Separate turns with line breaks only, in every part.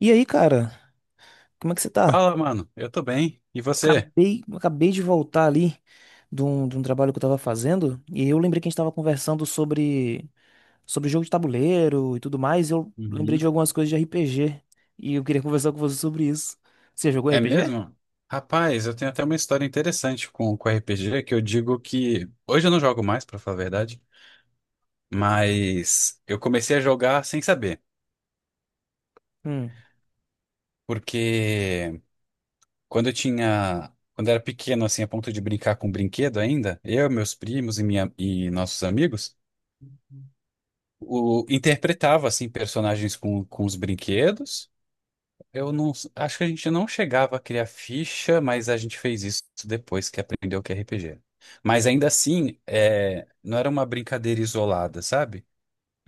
E aí, cara, como é que você tá?
Fala, mano. Eu tô bem. E você?
Acabei de voltar ali de um trabalho que eu tava fazendo, e eu lembrei que a gente tava conversando sobre jogo de tabuleiro e tudo mais, e eu lembrei
Uhum.
de algumas coisas de RPG, e eu queria conversar com você sobre isso. Você jogou
É
RPG?
mesmo? Rapaz, eu tenho até uma história interessante com RPG que eu digo que hoje eu não jogo mais, pra falar a verdade, mas eu comecei a jogar sem saber,
Hum.
porque quando eu era pequeno, assim, a ponto de brincar com brinquedo ainda, eu, meus primos e minha e nossos amigos, o interpretava assim personagens com os brinquedos. Eu não, acho que a gente não chegava a criar ficha, mas a gente fez isso depois que aprendeu o que é RPG. Mas ainda assim, é, não era uma brincadeira isolada, sabe?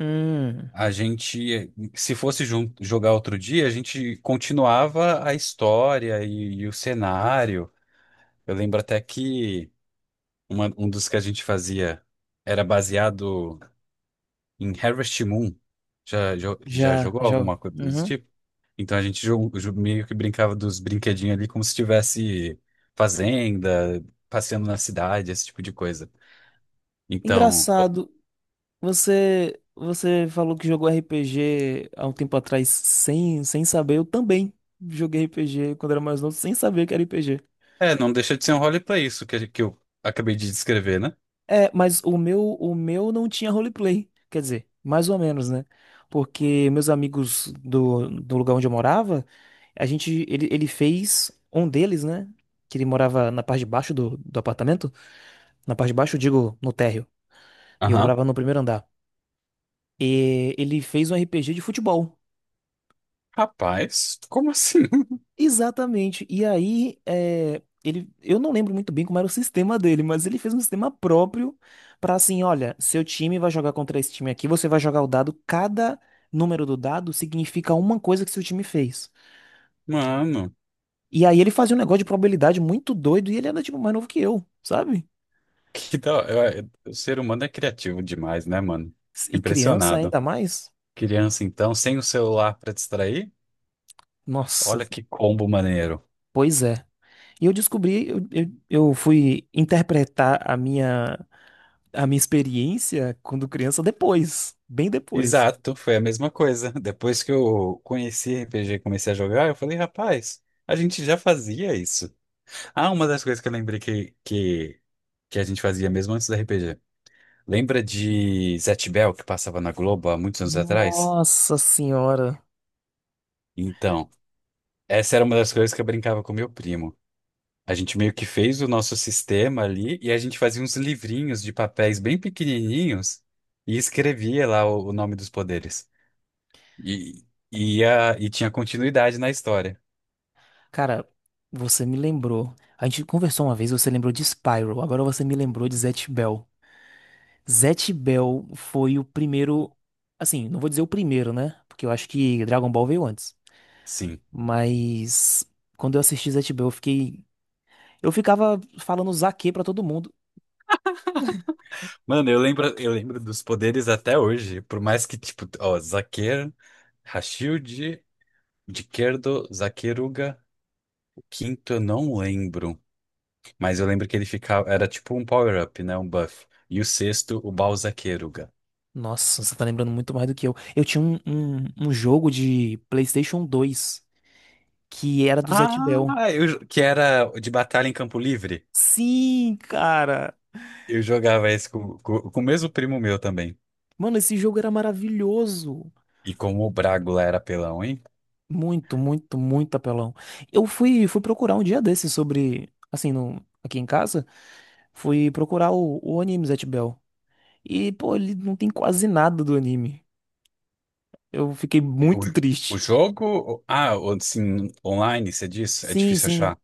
Hum,
A gente, se fosse jogar outro dia, a gente continuava a história e o cenário. Eu lembro até que um dos que a gente fazia era baseado em Harvest Moon. Já
já,
jogou
já.
alguma coisa desse
Uhum.
tipo? Então a gente meio que brincava dos brinquedinhos ali como se estivesse fazenda, passeando na cidade, esse tipo de coisa. Então,
Engraçado, você falou que jogou RPG há um tempo atrás sem saber, eu também joguei RPG quando era mais novo sem saber que era RPG.
é, não deixa de ser um roleplay isso que eu acabei de descrever, né?
É, mas o meu não tinha roleplay. Quer dizer, mais ou menos, né? Porque meus amigos do lugar onde eu morava, a gente, ele fez um deles, né? Que ele morava na parte de baixo do apartamento. Na parte de baixo, eu digo, no térreo. E eu
Aham.
morava no primeiro andar. E ele fez um RPG de futebol.
Rapaz, como assim?
Exatamente. E aí, é, ele, eu não lembro muito bem como era o sistema dele, mas ele fez um sistema próprio para assim, olha, seu time vai jogar contra esse time aqui, você vai jogar o dado, cada número do dado significa uma coisa que seu time fez.
Mano,
E aí ele fazia um negócio de probabilidade muito doido e ele era tipo mais novo que eu, sabe?
que da... eu- o ser humano é criativo demais, né, mano?
E criança
Impressionado.
ainda mais.
Criança, então, sem o celular pra distrair?
Nossa,
Olha que combo maneiro.
pois é. E eu descobri, eu fui interpretar a minha experiência quando criança depois, bem depois.
Exato, foi a mesma coisa. Depois que eu conheci RPG e comecei a jogar, eu falei, rapaz, a gente já fazia isso. Ah, uma das coisas que eu lembrei que a gente fazia mesmo antes do RPG. Lembra de Zet Bell, que passava na Globo há muitos anos atrás?
Nossa senhora.
Então, essa era uma das coisas que eu brincava com meu primo. A gente meio que fez o nosso sistema ali e a gente fazia uns livrinhos de papéis bem pequenininhos e escrevia lá o nome dos poderes. E, e tinha continuidade na história.
Cara, você me lembrou. A gente conversou uma vez, você lembrou de Spyro, agora você me lembrou de Zatch Bell. Zatch Bell foi o primeiro, assim, não vou dizer o primeiro, né? Porque eu acho que Dragon Ball veio antes.
Sim.
Mas quando eu assisti Zatch Bell, eu ficava falando zaque pra todo mundo.
Mano, eu lembro dos poderes até hoje. Por mais que, tipo, ó, Zaquer, Rashid, Diquerdo, Zaqueruga, o quinto eu não lembro. Mas eu lembro que ele ficava, era tipo um power-up, né? Um buff. E o sexto, o Balzaqueruga.
Nossa, você tá lembrando muito mais do que eu. Eu tinha um jogo de PlayStation 2 que era do Zatch Bell.
Ah, que era de batalha em campo livre.
Sim, cara.
Eu jogava esse com o mesmo primo meu também.
Mano, esse jogo era maravilhoso.
E como o Bragula era pelão, hein?
Muito apelão. Eu fui procurar um dia desses sobre, assim, no, aqui em casa, fui procurar o anime Zatch Bell. E, pô, ele não tem quase nada do anime. Eu fiquei
O,
muito
o
triste.
jogo. Ah, assim, online, você diz? É
Sim,
difícil
sim.
achar.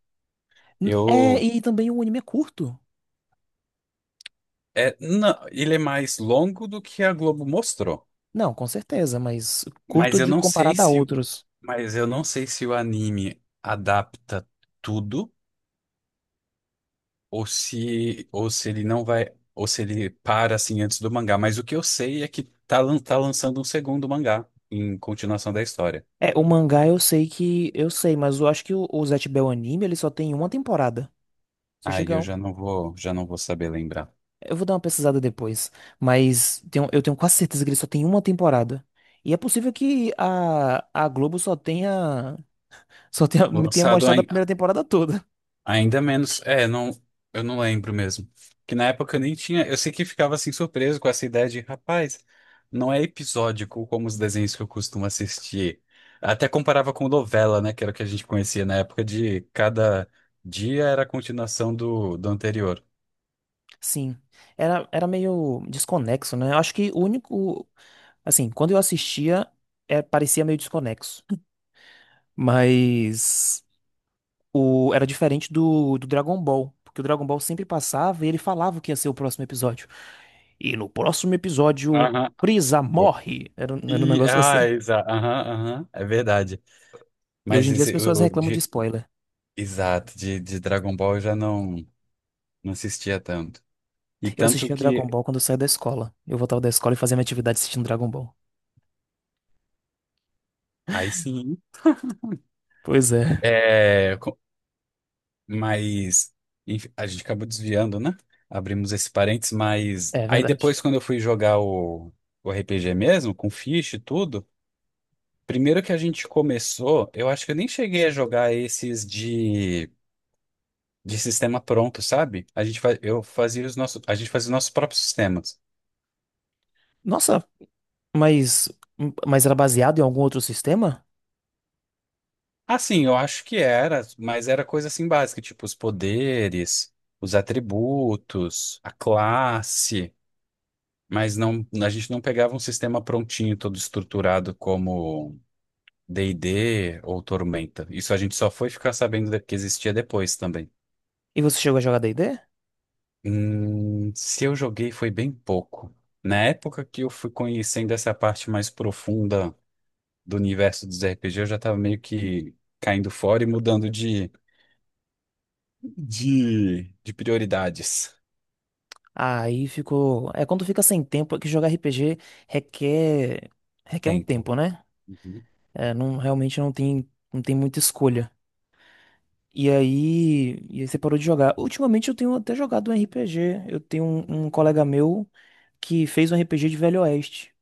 É,
Eu.
e também o anime é curto.
É, não, ele é mais longo do que a Globo mostrou.
Não, com certeza, mas
Mas
curto
eu
de
não sei
comparado a
se.
outros.
Mas eu não sei se o anime adapta tudo ou se ele não vai. Ou se ele para assim antes do mangá. Mas o que eu sei é que tá lançando um segundo mangá em continuação da história.
É, o mangá eu sei que, eu sei, mas eu acho que o Zatch Bell anime, ele só tem uma temporada. Só
Aí
chega
eu
a um.
já não vou saber lembrar.
Eu vou dar uma pesquisada depois, mas eu tenho quase certeza que ele só tem uma temporada. E é possível que a Globo me tenha
Lançado
mostrado a
ai-
primeira temporada toda.
Ainda menos. É, não, eu não lembro mesmo. Que na época eu nem tinha. Eu sei que ficava assim surpreso com essa ideia de, rapaz, não é episódico como os desenhos que eu costumo assistir. Até comparava com novela, né? Que era o que a gente conhecia na época de cada dia era a continuação do anterior.
Sim, era meio desconexo, né? Eu acho que o único, assim, quando eu assistia, é, parecia meio desconexo. Mas o, era diferente do Dragon Ball, porque o Dragon Ball sempre passava e ele falava o que ia ser o próximo episódio. E no próximo episódio,
Aham.
Frieza
Goku.
morre. Era um
E,
negócio
ah,
assim.
exato. Aham, aham. É verdade.
E hoje
Mas
em dia as
esse,
pessoas
o
reclamam de
de,
spoiler.
exato, de Dragon Ball eu já não assistia tanto. E
Eu
tanto
assistia
que,
Dragon Ball quando eu saía da escola. Eu voltava da escola e fazia minha atividade assistindo Dragon Ball.
aí sim,
Pois é,
é. Mas enfim, a gente acabou desviando, né? Abrimos esse parênteses, mas
é
aí
verdade.
depois, quando eu fui jogar o RPG mesmo, com ficha e tudo, primeiro que a gente começou, eu acho que eu nem cheguei a jogar esses de sistema pronto, sabe? Eu fazia os nossos, a gente fazia os nossos próprios sistemas.
Nossa, mas, mas era baseado em algum outro sistema?
Assim, eu acho que era, mas era coisa assim básica, tipo os poderes, os atributos, a classe. Mas não, a gente não pegava um sistema prontinho, todo estruturado como D&D ou Tormenta. Isso a gente só foi ficar sabendo que existia depois também.
E você chegou a jogar D e D?
Se eu joguei foi bem pouco. Na época que eu fui conhecendo essa parte mais profunda do universo dos RPG, eu já estava meio que caindo fora e mudando de prioridades.
Aí ficou. É quando fica sem tempo, é que jogar RPG requer requer um
Tempo.
tempo, né?
Uhum.
É, não, realmente não tem, não tem muita escolha. E aí você parou de jogar. Ultimamente eu tenho até jogado um RPG. Eu tenho um colega meu que fez um RPG de Velho Oeste.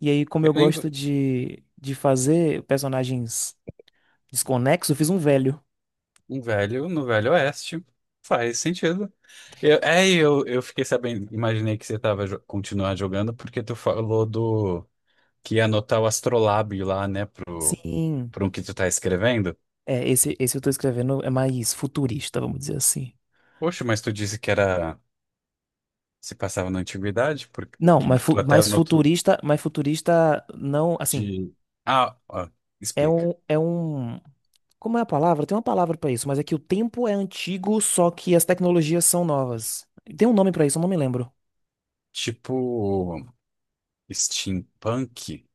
E aí, como
Eu
eu
lembro.
gosto de fazer personagens desconexos, eu fiz um velho.
Um velho no Velho Oeste. Faz sentido. Eu fiquei sabendo, imaginei que você tava jo continuar jogando, porque tu falou do que ia anotar o astrolábio lá, né, pro,
Sim.
pro um que tu tá escrevendo.
É, esse eu tô escrevendo é mais futurista, vamos dizer assim.
Poxa, mas tu disse que era, se passava na antiguidade, porque
Não, mas,
tu até anotou
mais futurista não, assim,
de... Ah, ó,
é
explica.
é um, como é a palavra? Tem uma palavra pra isso, mas é que o tempo é antigo, só que as tecnologias são novas. Tem um nome pra isso, eu não me lembro.
Tipo, steampunk?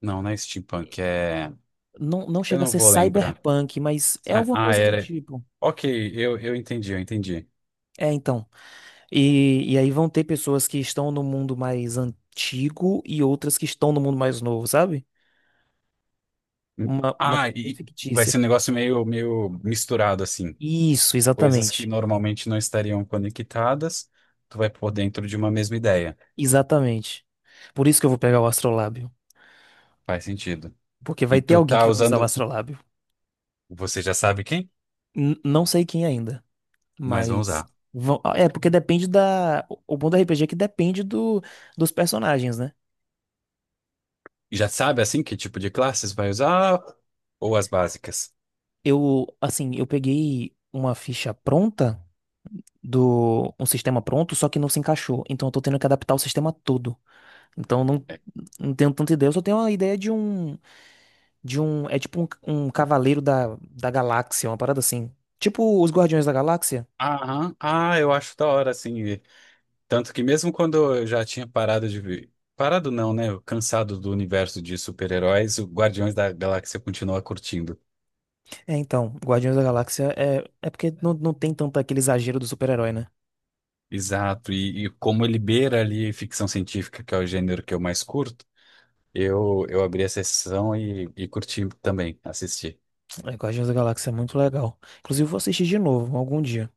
Não, não é steampunk, é...
Não, não
Eu
chega a
não
ser
vou lembrar.
cyberpunk, mas é
Ah,
alguma
ah,
coisa do
era...
tipo.
Ok, eu entendi, eu entendi.
É, então. E aí vão ter pessoas que estão no mundo mais antigo e outras que estão no mundo mais novo, sabe? Uma
Ah,
coisa bem
e vai
fictícia.
ser um negócio meio, meio misturado, assim.
Isso,
Coisas que
exatamente.
normalmente não estariam conectadas, tu vai pôr dentro de uma mesma ideia.
Exatamente. Por isso que eu vou pegar o astrolábio.
Faz sentido.
Porque vai
E
ter
tu
alguém que
tá
vai usar o
usando,
astrolábio.
você já sabe quem,
Não sei quem ainda,
mas vão
mas.
usar.
É, porque depende da. O bom do RPG é que depende do, dos personagens, né?
E já sabe, assim, que tipo de classes vai usar ou as básicas?
Eu, assim, eu peguei uma ficha pronta. Do um sistema pronto, só que não se encaixou. Então eu tô tendo que adaptar o sistema todo. Então eu
É.
não tenho tanta ideia, eu só tenho uma ideia de um é tipo um, um cavaleiro da galáxia, uma parada assim. Tipo os Guardiões da Galáxia?
Aham. Ah, eu acho da hora, assim. E tanto que mesmo quando eu já tinha parado de ver, parado não, né? Eu, cansado do universo de super-heróis, o Guardiões da Galáxia continua curtindo.
É, então, Guardiões da Galáxia é porque não tem tanto aquele exagero do super-herói, né?
Exato, e como ele beira ali ficção científica, que é o gênero que eu mais curto, eu abri a sessão e curti também, assisti.
É, Guardiões da Galáxia é muito legal. Inclusive, eu vou assistir de novo, algum dia.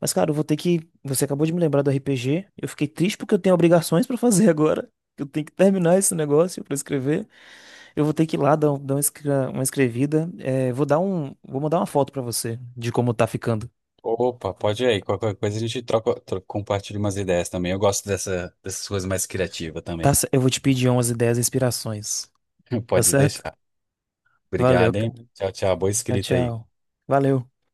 Mas, cara, eu vou ter que. Você acabou de me lembrar do RPG. Eu fiquei triste porque eu tenho obrigações pra fazer agora. Eu tenho que terminar esse negócio pra escrever. Eu vou ter que ir lá dar uma uma escrevida. É, vou dar vou mandar uma foto pra você de como tá ficando.
Opa, pode ir aí, qualquer coisa a gente troca, compartilha umas ideias também. Eu gosto dessas coisas mais criativas
Tá,
também.
eu vou te pedir umas ideias e inspirações. Tá
Pode
certo?
deixar.
Valeu,
Obrigado, hein?
cara.
Tchau, tchau. Boa
Tchau,
escrita aí.
tchau. Valeu.